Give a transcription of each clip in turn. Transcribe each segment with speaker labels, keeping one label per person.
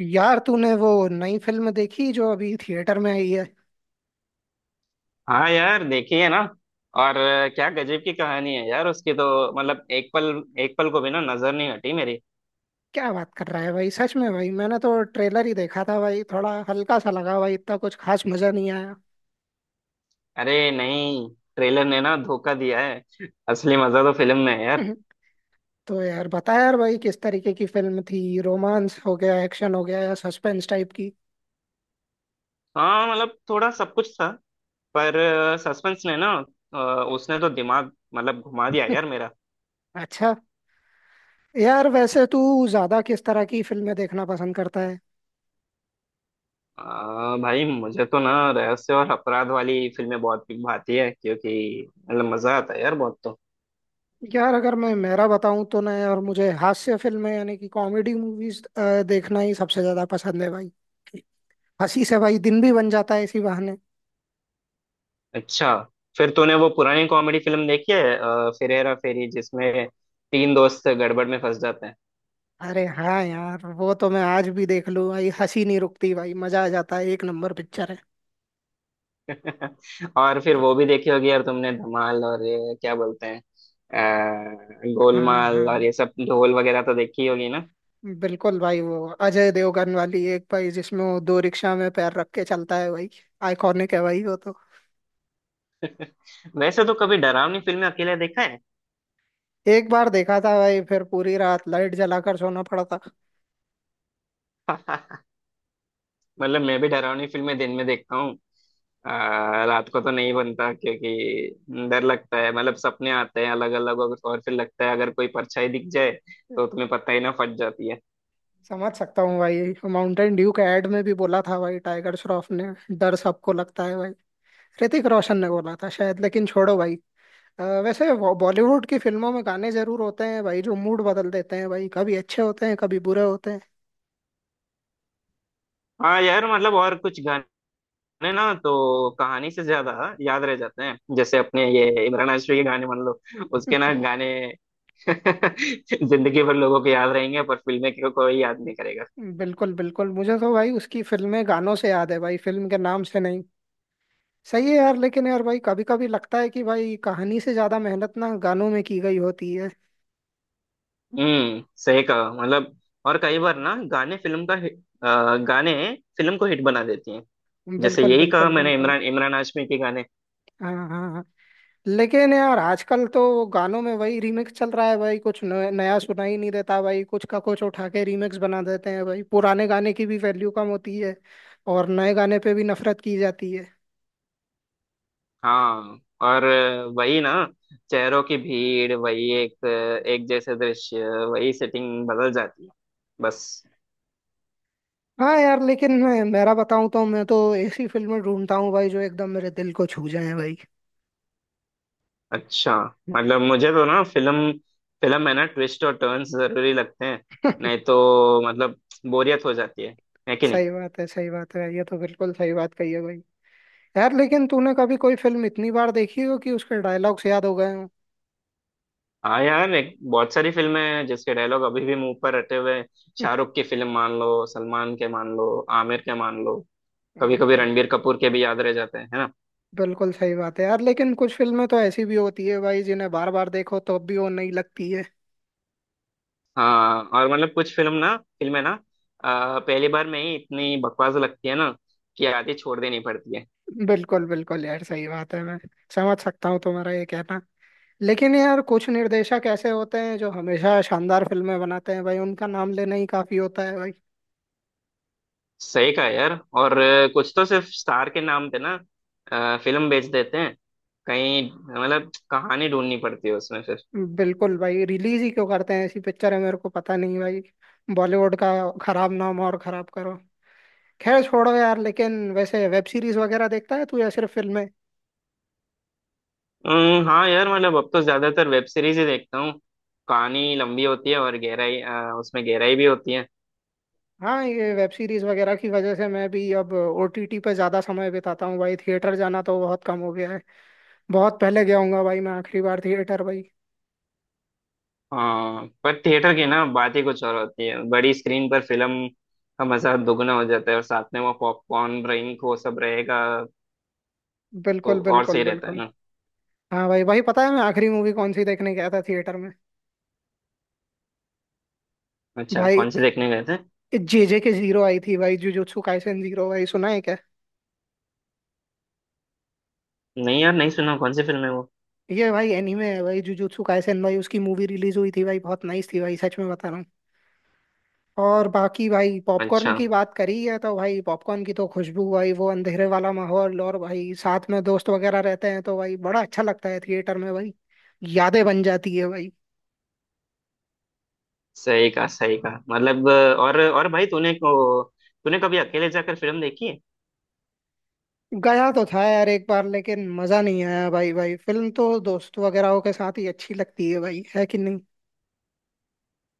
Speaker 1: यार, तूने वो नई फिल्म देखी जो अभी थिएटर में आई है।
Speaker 2: हाँ यार देखी है ना। और क्या गजब की कहानी है यार उसकी तो। मतलब एक पल, एक पल को भी ना नजर नहीं हटी मेरी।
Speaker 1: क्या बात कर रहा है भाई, सच में भाई, मैंने तो ट्रेलर ही देखा था भाई, थोड़ा हल्का सा लगा भाई, इतना कुछ खास मजा नहीं आया।
Speaker 2: अरे नहीं, ट्रेलर ने ना धोखा दिया है। असली मजा तो फिल्म में है यार।
Speaker 1: तो यार बता यार भाई, किस तरीके की फिल्म थी? रोमांस हो गया, एक्शन हो गया या सस्पेंस टाइप की?
Speaker 2: हाँ, मतलब थोड़ा सब कुछ था, पर सस्पेंस ने ना, उसने तो दिमाग मतलब घुमा दिया यार मेरा।
Speaker 1: अच्छा, यार वैसे तू ज्यादा किस तरह की फिल्में देखना पसंद करता है?
Speaker 2: अ, भाई मुझे तो ना रहस्य और अपराध वाली फिल्में बहुत भाती है, क्योंकि मतलब मजा आता है यार बहुत तो।
Speaker 1: यार अगर मैं मेरा बताऊं तो ना यार, मुझे हास्य फिल्में यानी कि कॉमेडी मूवीज देखना ही सबसे ज्यादा पसंद है भाई। हंसी से भाई दिन भी बन जाता है इसी बहाने।
Speaker 2: अच्छा, फिर तूने वो पुरानी कॉमेडी फिल्म देखी है फिर, हेरा फेरी, जिसमें तीन दोस्त गड़बड़ में फंस जाते हैं।
Speaker 1: अरे हाँ यार, वो तो मैं आज भी देख लूँ भाई, हंसी नहीं रुकती भाई, मजा आ जाता है, एक नंबर पिक्चर है।
Speaker 2: और फिर वो भी देखी होगी यार तुमने, धमाल, और ये क्या बोलते हैं,
Speaker 1: हाँ
Speaker 2: गोलमाल, और
Speaker 1: हाँ,
Speaker 2: ये सब ढोल वगैरह तो देखी होगी ना।
Speaker 1: बिल्कुल भाई, वो अजय देवगन वाली एक भाई जिसमें वो दो रिक्शा में पैर रख के चलता है भाई, आइकॉनिक है भाई वो तो।
Speaker 2: वैसे तो कभी डरावनी फिल्में अकेले देखा है?
Speaker 1: एक बार देखा था भाई, फिर पूरी रात लाइट जलाकर सोना पड़ा था।
Speaker 2: मतलब मैं भी डरावनी फिल्में दिन में देखता हूँ। अ, रात को तो नहीं बनता, क्योंकि डर लगता है, मतलब सपने आते हैं अलग अलग, और फिर लगता है अगर कोई परछाई दिख जाए तो तुम्हें पता ही ना, फट जाती है।
Speaker 1: समझ सकता हूँ भाई, माउंटेन ड्यू के एड में भी बोला था भाई, टाइगर श्रॉफ ने, डर सबको लगता है भाई। ऋतिक रोशन ने बोला था शायद, लेकिन छोड़ो भाई। वैसे बॉलीवुड की फिल्मों में गाने जरूर होते हैं भाई, जो मूड बदल देते हैं भाई, कभी अच्छे होते हैं, कभी बुरे होते हैं।
Speaker 2: हाँ यार, मतलब और कुछ गाने ना तो कहानी से ज्यादा याद रह जाते हैं, जैसे अपने ये इमरान हाशमी के गाने मान लो। उसके ना गाने जिंदगी भर लोगों को याद रहेंगे, पर फिल्में को कोई याद नहीं करेगा।
Speaker 1: बिल्कुल बिल्कुल, मुझे तो भाई उसकी फिल्में गानों से याद है भाई, फिल्म के नाम से नहीं। सही है यार, लेकिन यार भाई कभी कभी लगता है कि भाई कहानी से ज्यादा मेहनत ना गानों में की गई होती है।
Speaker 2: हम्म, सही कहा, मतलब और कई बार ना गाने गाने फिल्म को हिट बना देती हैं, जैसे
Speaker 1: बिल्कुल
Speaker 2: यही कहा
Speaker 1: बिल्कुल
Speaker 2: मैंने,
Speaker 1: बिल्कुल।
Speaker 2: इमरान इमरान हाशमी के गाने।
Speaker 1: हाँ हाँ हाँ। लेकिन यार आजकल तो गानों में वही रीमिक्स चल रहा है भाई, कुछ नया सुना ही नहीं देता भाई, कुछ का कुछ उठा के रीमिक्स बना देते हैं भाई, पुराने गाने की भी वैल्यू कम होती है। और नए गाने पे भी नफरत की जाती है।
Speaker 2: हाँ, और वही ना, चेहरों की भीड़, वही एक एक जैसे दृश्य, वही सेटिंग बदल जाती है बस।
Speaker 1: हाँ यार, लेकिन मैं मेरा बताऊं तो मैं तो ऐसी फिल्में ढूंढता हूँ भाई जो एकदम मेरे दिल को छू जाए भाई।
Speaker 2: अच्छा, मतलब मुझे तो ना फिल्म फिल्म में ना ट्विस्ट और टर्न्स जरूरी लगते हैं, नहीं तो मतलब बोरियत हो जाती है कि नहीं।
Speaker 1: सही बात है, सही बात है, ये तो बिल्कुल सही बात कही है भाई। यार लेकिन तूने कभी कोई फिल्म इतनी बार देखी हो कि उसके डायलॉग्स याद हो गए हों?
Speaker 2: हाँ यार, एक बहुत सारी फिल्में हैं जिसके डायलॉग अभी भी मुंह पर रटे हुए हैं। शाहरुख की फिल्म मान लो, सलमान के मान लो, आमिर के मान लो, कभी कभी
Speaker 1: बिल्कुल
Speaker 2: रणबीर कपूर के भी याद रह जाते हैं, है ना।
Speaker 1: बिल्कुल, सही बात है यार, लेकिन कुछ फिल्में तो ऐसी भी होती है भाई जिन्हें बार बार देखो तो भी वो नहीं लगती है।
Speaker 2: हाँ, और मतलब कुछ फिल्में ना, पहली बार में ही इतनी बकवास लगती है ना, कि आधी छोड़ देनी पड़ती है।
Speaker 1: बिल्कुल बिल्कुल यार, सही बात है। मैं समझ सकता हूँ तुम्हारा ये कहना। लेकिन यार कुछ निर्देशक ऐसे होते हैं जो हमेशा शानदार फिल्में बनाते हैं भाई, उनका नाम लेना ही काफी होता है भाई।
Speaker 2: सही कहा यार, और कुछ तो सिर्फ स्टार के नाम पे ना, फिल्म बेच देते हैं, कहीं मतलब कहानी ढूंढनी पड़ती है उसमें फिर।
Speaker 1: बिल्कुल भाई, रिलीज ही क्यों करते हैं ऐसी पिक्चर है मेरे को पता नहीं भाई। बॉलीवुड का खराब नाम और खराब करो। खैर छोड़ो यार, लेकिन वैसे वेब सीरीज वगैरह देखता है तू या सिर्फ फिल्में?
Speaker 2: हाँ यार, मतलब अब तो ज्यादातर वेब सीरीज ही देखता हूँ। कहानी लंबी होती है, और उसमें गहराई भी होती है।
Speaker 1: हाँ, ये वेब सीरीज वगैरह की वजह से मैं भी अब ओटीटी पे ज्यादा समय बिताता हूँ भाई, थिएटर जाना तो बहुत कम हो गया है। बहुत पहले गया हूँगा भाई, मैं आखिरी बार थिएटर भाई।
Speaker 2: हाँ, पर थिएटर की ना बात ही कुछ और होती है, बड़ी स्क्रीन पर फिल्म का मजा दोगुना हो जाता है, और साथ में वो पॉपकॉर्न, ड्रिंक, वो सब रहेगा तो
Speaker 1: बिल्कुल
Speaker 2: और
Speaker 1: बिल्कुल
Speaker 2: सही रहता है
Speaker 1: बिल्कुल।
Speaker 2: ना।
Speaker 1: हाँ भाई भाई, पता है मैं आखिरी मूवी कौन सी देखने गया था थिएटर में?
Speaker 2: अच्छा,
Speaker 1: भाई
Speaker 2: कौन से देखने गए थे?
Speaker 1: जेजे के जीरो आई थी भाई, जुजुत्सु काइसेन जीरो भाई, सुना है क्या?
Speaker 2: नहीं यार, नहीं सुना, कौन सी फिल्म है वो?
Speaker 1: ये भाई एनीमे है भाई, जुजुत्सु काइसेन भाई, उसकी मूवी रिलीज हुई थी भाई, बहुत नाइस थी भाई, सच में बता रहा हूँ। और बाकी भाई, पॉपकॉर्न
Speaker 2: अच्छा,
Speaker 1: की बात करी है तो भाई, पॉपकॉर्न की तो खुशबू भाई, वो अंधेरे वाला माहौल और भाई साथ में दोस्त वगैरह रहते हैं तो भाई बड़ा अच्छा लगता है थिएटर में भाई। यादें बन जाती है भाई।
Speaker 2: सही कहा सही कहा, मतलब। और भाई, तूने कभी अकेले जाकर फिल्म देखी है?
Speaker 1: गया तो था यार एक बार, लेकिन मजा नहीं आया भाई भाई, फिल्म तो दोस्त वगैरह के साथ ही अच्छी लगती है भाई, है कि नहीं?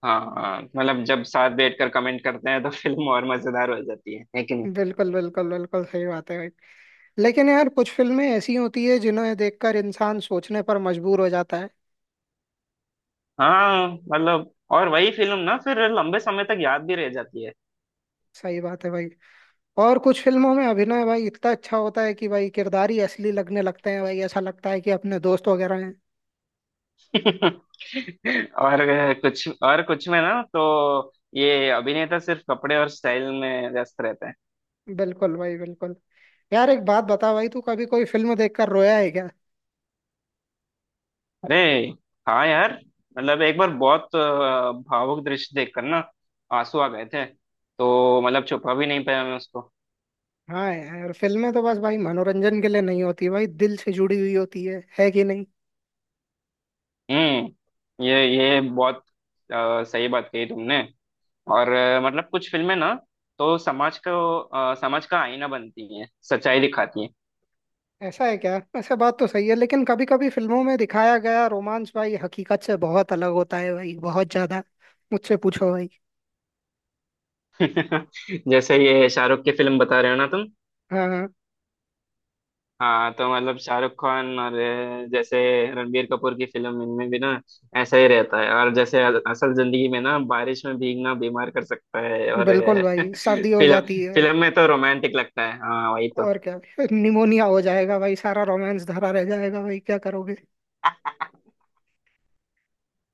Speaker 2: हाँ हाँ, मतलब जब साथ बैठकर कमेंट करते हैं तो फिल्म और मजेदार हो जाती है कि नहीं।
Speaker 1: बिल्कुल बिल्कुल बिल्कुल, सही बात है भाई। लेकिन यार कुछ फिल्में ऐसी होती है जिन्हें देखकर इंसान सोचने पर मजबूर हो जाता है।
Speaker 2: हाँ, मतलब और वही फिल्म ना फिर लंबे समय तक याद भी रह जाती है।
Speaker 1: सही बात है भाई। और कुछ फिल्मों में अभिनय भाई इतना अच्छा होता है कि भाई किरदार ही असली लगने लगते हैं भाई, ऐसा लगता है कि अपने दोस्त वगैरह हैं।
Speaker 2: और कुछ और कुछ में ना तो ये अभिनेता सिर्फ कपड़े और स्टाइल में व्यस्त रहते हैं।
Speaker 1: बिल्कुल भाई बिल्कुल। यार एक बात बता भाई, तू कभी कोई फिल्म देखकर रोया है क्या?
Speaker 2: अरे हाँ यार, मतलब एक बार बहुत भावुक दृश्य देखकर ना आंसू आ गए थे, तो मतलब छुपा भी नहीं पाया मैं उसको।
Speaker 1: हाँ यार, फिल्में तो बस भाई मनोरंजन के लिए नहीं होती भाई, दिल से जुड़ी हुई होती है कि नहीं?
Speaker 2: हम्म, ये बहुत सही बात कही तुमने। और मतलब कुछ फिल्में ना तो समाज का आईना बनती हैं, सच्चाई दिखाती हैं।
Speaker 1: ऐसा है क्या? ऐसा बात तो सही है, लेकिन कभी कभी फिल्मों में दिखाया गया रोमांस भाई हकीकत से बहुत अलग होता है भाई, बहुत ज्यादा। मुझसे पूछो भाई।
Speaker 2: जैसे ये शाहरुख की फिल्म बता रहे हो ना तुम।
Speaker 1: हाँ हाँ,
Speaker 2: हाँ तो मतलब शाहरुख खान और जैसे रणबीर कपूर की फिल्म, इनमें भी ना ऐसा ही रहता है। और जैसे असल जिंदगी में ना बारिश में भीगना बीमार कर सकता है, और
Speaker 1: बिल्कुल भाई, सर्दी हो
Speaker 2: फिल्म
Speaker 1: जाती है भाई।
Speaker 2: फिल्म में तो रोमांटिक लगता है, हाँ वही तो।
Speaker 1: और क्या, भाई, निमोनिया हो जाएगा भाई, सारा रोमांस धरा रह जाएगा भाई, क्या करोगे?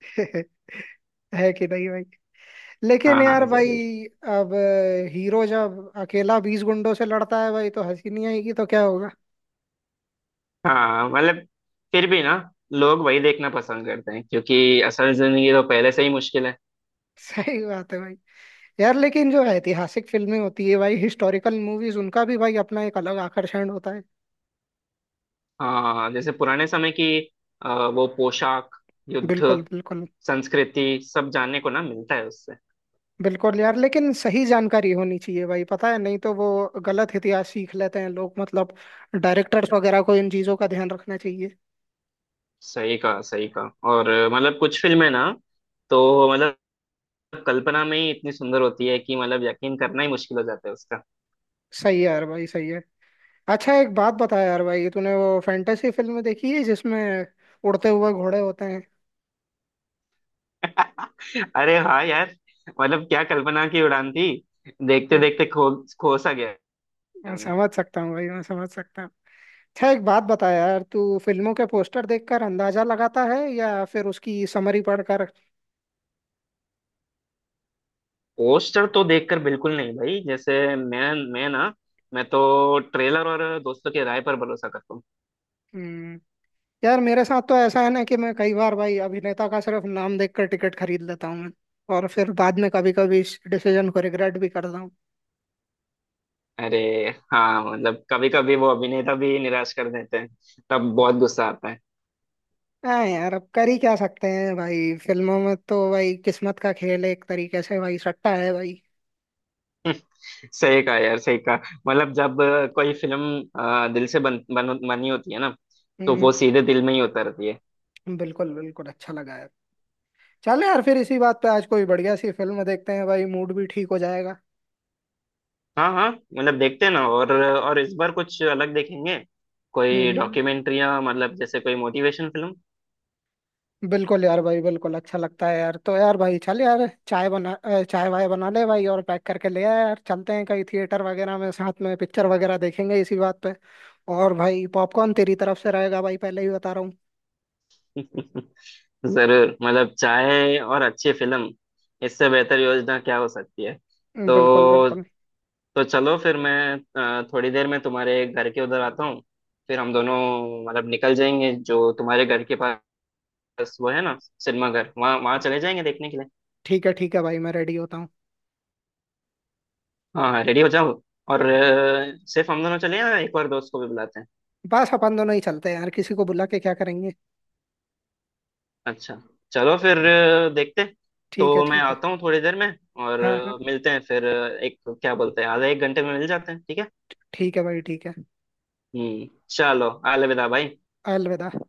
Speaker 1: है कि नहीं भाई? लेकिन
Speaker 2: हाँ
Speaker 1: यार
Speaker 2: हाँ
Speaker 1: भाई
Speaker 2: जरूर।
Speaker 1: अब हीरो जब अकेला 20 गुंडों से लड़ता है भाई, तो हंसी नहीं आएगी तो क्या होगा?
Speaker 2: हाँ, मतलब फिर भी ना, लोग वही देखना पसंद करते हैं, क्योंकि असल जिंदगी तो पहले से ही मुश्किल है।
Speaker 1: सही बात है भाई। यार लेकिन जो ऐतिहासिक फिल्में होती है भाई, हिस्टोरिकल मूवीज, उनका भी भाई अपना एक अलग आकर्षण होता है।
Speaker 2: हाँ, जैसे पुराने समय की अ, वो पोशाक, युद्ध,
Speaker 1: बिल्कुल बिल्कुल
Speaker 2: संस्कृति, सब जानने को ना मिलता है उससे।
Speaker 1: बिल्कुल। यार लेकिन सही जानकारी होनी चाहिए भाई, पता है, नहीं तो वो गलत इतिहास सीख लेते हैं लोग, मतलब डायरेक्टर्स वगैरह को इन चीजों का ध्यान रखना चाहिए।
Speaker 2: सही कहा सही कहा, और मतलब कुछ फिल्में ना तो मतलब कल्पना में ही इतनी सुंदर होती है कि मतलब यकीन करना ही मुश्किल हो जाता है उसका।
Speaker 1: सही है यार भाई, सही है। अच्छा एक बात बता यार भाई, तूने वो फैंटेसी फिल्म देखी है जिसमें उड़ते हुए घोड़े होते हैं?
Speaker 2: अरे हाँ यार, मतलब क्या कल्पना की उड़ान थी, देखते
Speaker 1: हम्म,
Speaker 2: देखते खो खो सा गया
Speaker 1: मैं
Speaker 2: हमने।
Speaker 1: समझ सकता हूँ भाई, मैं समझ सकता हूँ। अच्छा एक बात बता यार, तू फिल्मों के पोस्टर देखकर अंदाजा लगाता है या फिर उसकी समरी पढ़कर?
Speaker 2: पोस्टर तो देखकर बिल्कुल नहीं भाई, जैसे मैं ना, मैं तो ट्रेलर और दोस्तों की राय पर भरोसा करता हूँ।
Speaker 1: हम्म यार मेरे साथ तो ऐसा है ना कि मैं कई बार भाई अभिनेता का सिर्फ नाम देखकर टिकट खरीद लेता हूँ मैं। और फिर बाद में कभी कभी इस डिसीजन को रिग्रेट भी करता हूँ।
Speaker 2: अरे हाँ, मतलब कभी कभी वो अभिनेता भी निराश कर देते हैं, तब बहुत गुस्सा आता है।
Speaker 1: हाँ यार, अब कर ही क्या सकते हैं भाई, फिल्मों में तो भाई किस्मत का खेल है, एक तरीके से भाई सट्टा है भाई।
Speaker 2: सही कहा यार सही कहा, मतलब जब कोई फिल्म दिल से बन, बन बनी होती है ना तो
Speaker 1: हम्म
Speaker 2: वो सीधे दिल में ही उतरती है।
Speaker 1: बिल्कुल बिल्कुल, अच्छा लगा यार। चलो यार, फिर इसी बात पे आज कोई बढ़िया सी फिल्म देखते हैं भाई, मूड भी ठीक हो जाएगा।
Speaker 2: हाँ हाँ, मतलब देखते हैं ना, और इस बार कुछ अलग देखेंगे,
Speaker 1: हम्म
Speaker 2: कोई
Speaker 1: हम्म,
Speaker 2: डॉक्यूमेंट्रियाँ, मतलब जैसे कोई मोटिवेशन फिल्म।
Speaker 1: बिल्कुल यार भाई बिल्कुल अच्छा लगता है यार, तो यार भाई चल यार, चाय बना चाय वाय बना ले भाई और पैक करके ले आया यार, चलते हैं कहीं थिएटर वगैरह में साथ में पिक्चर वगैरह देखेंगे इसी बात पे। और भाई पॉपकॉर्न तेरी तरफ से रहेगा भाई, पहले ही बता रहा
Speaker 2: जरूर, मतलब चाय और अच्छी फिल्म, इससे बेहतर योजना क्या हो सकती है।
Speaker 1: हूँ। बिल्कुल
Speaker 2: तो
Speaker 1: बिल्कुल।
Speaker 2: तो चलो फिर, मैं थोड़ी देर में तुम्हारे घर के उधर आता हूँ, फिर हम दोनों मतलब निकल जाएंगे, जो तुम्हारे घर के पास बस वो है ना सिनेमाघर, वहाँ वहाँ चले जाएंगे देखने के लिए।
Speaker 1: ठीक है भाई, मैं रेडी होता हूँ।
Speaker 2: हाँ हाँ रेडी हो जाओ, और सिर्फ हम दोनों चले या एक और दोस्त को भी बुलाते हैं?
Speaker 1: बस अपन दोनों ही चलते हैं यार, किसी को बुला के क्या करेंगे?
Speaker 2: अच्छा, चलो फिर देखते हैं।
Speaker 1: ठीक है
Speaker 2: तो मैं
Speaker 1: ठीक है।
Speaker 2: आता हूँ थोड़ी देर में, और
Speaker 1: हाँ हाँ,
Speaker 2: मिलते हैं फिर एक क्या बोलते हैं, आधे एक घंटे में मिल जाते हैं, ठीक है।
Speaker 1: ठीक है भाई ठीक है।
Speaker 2: हम्म, चलो, अलविदा भाई।
Speaker 1: अलविदा।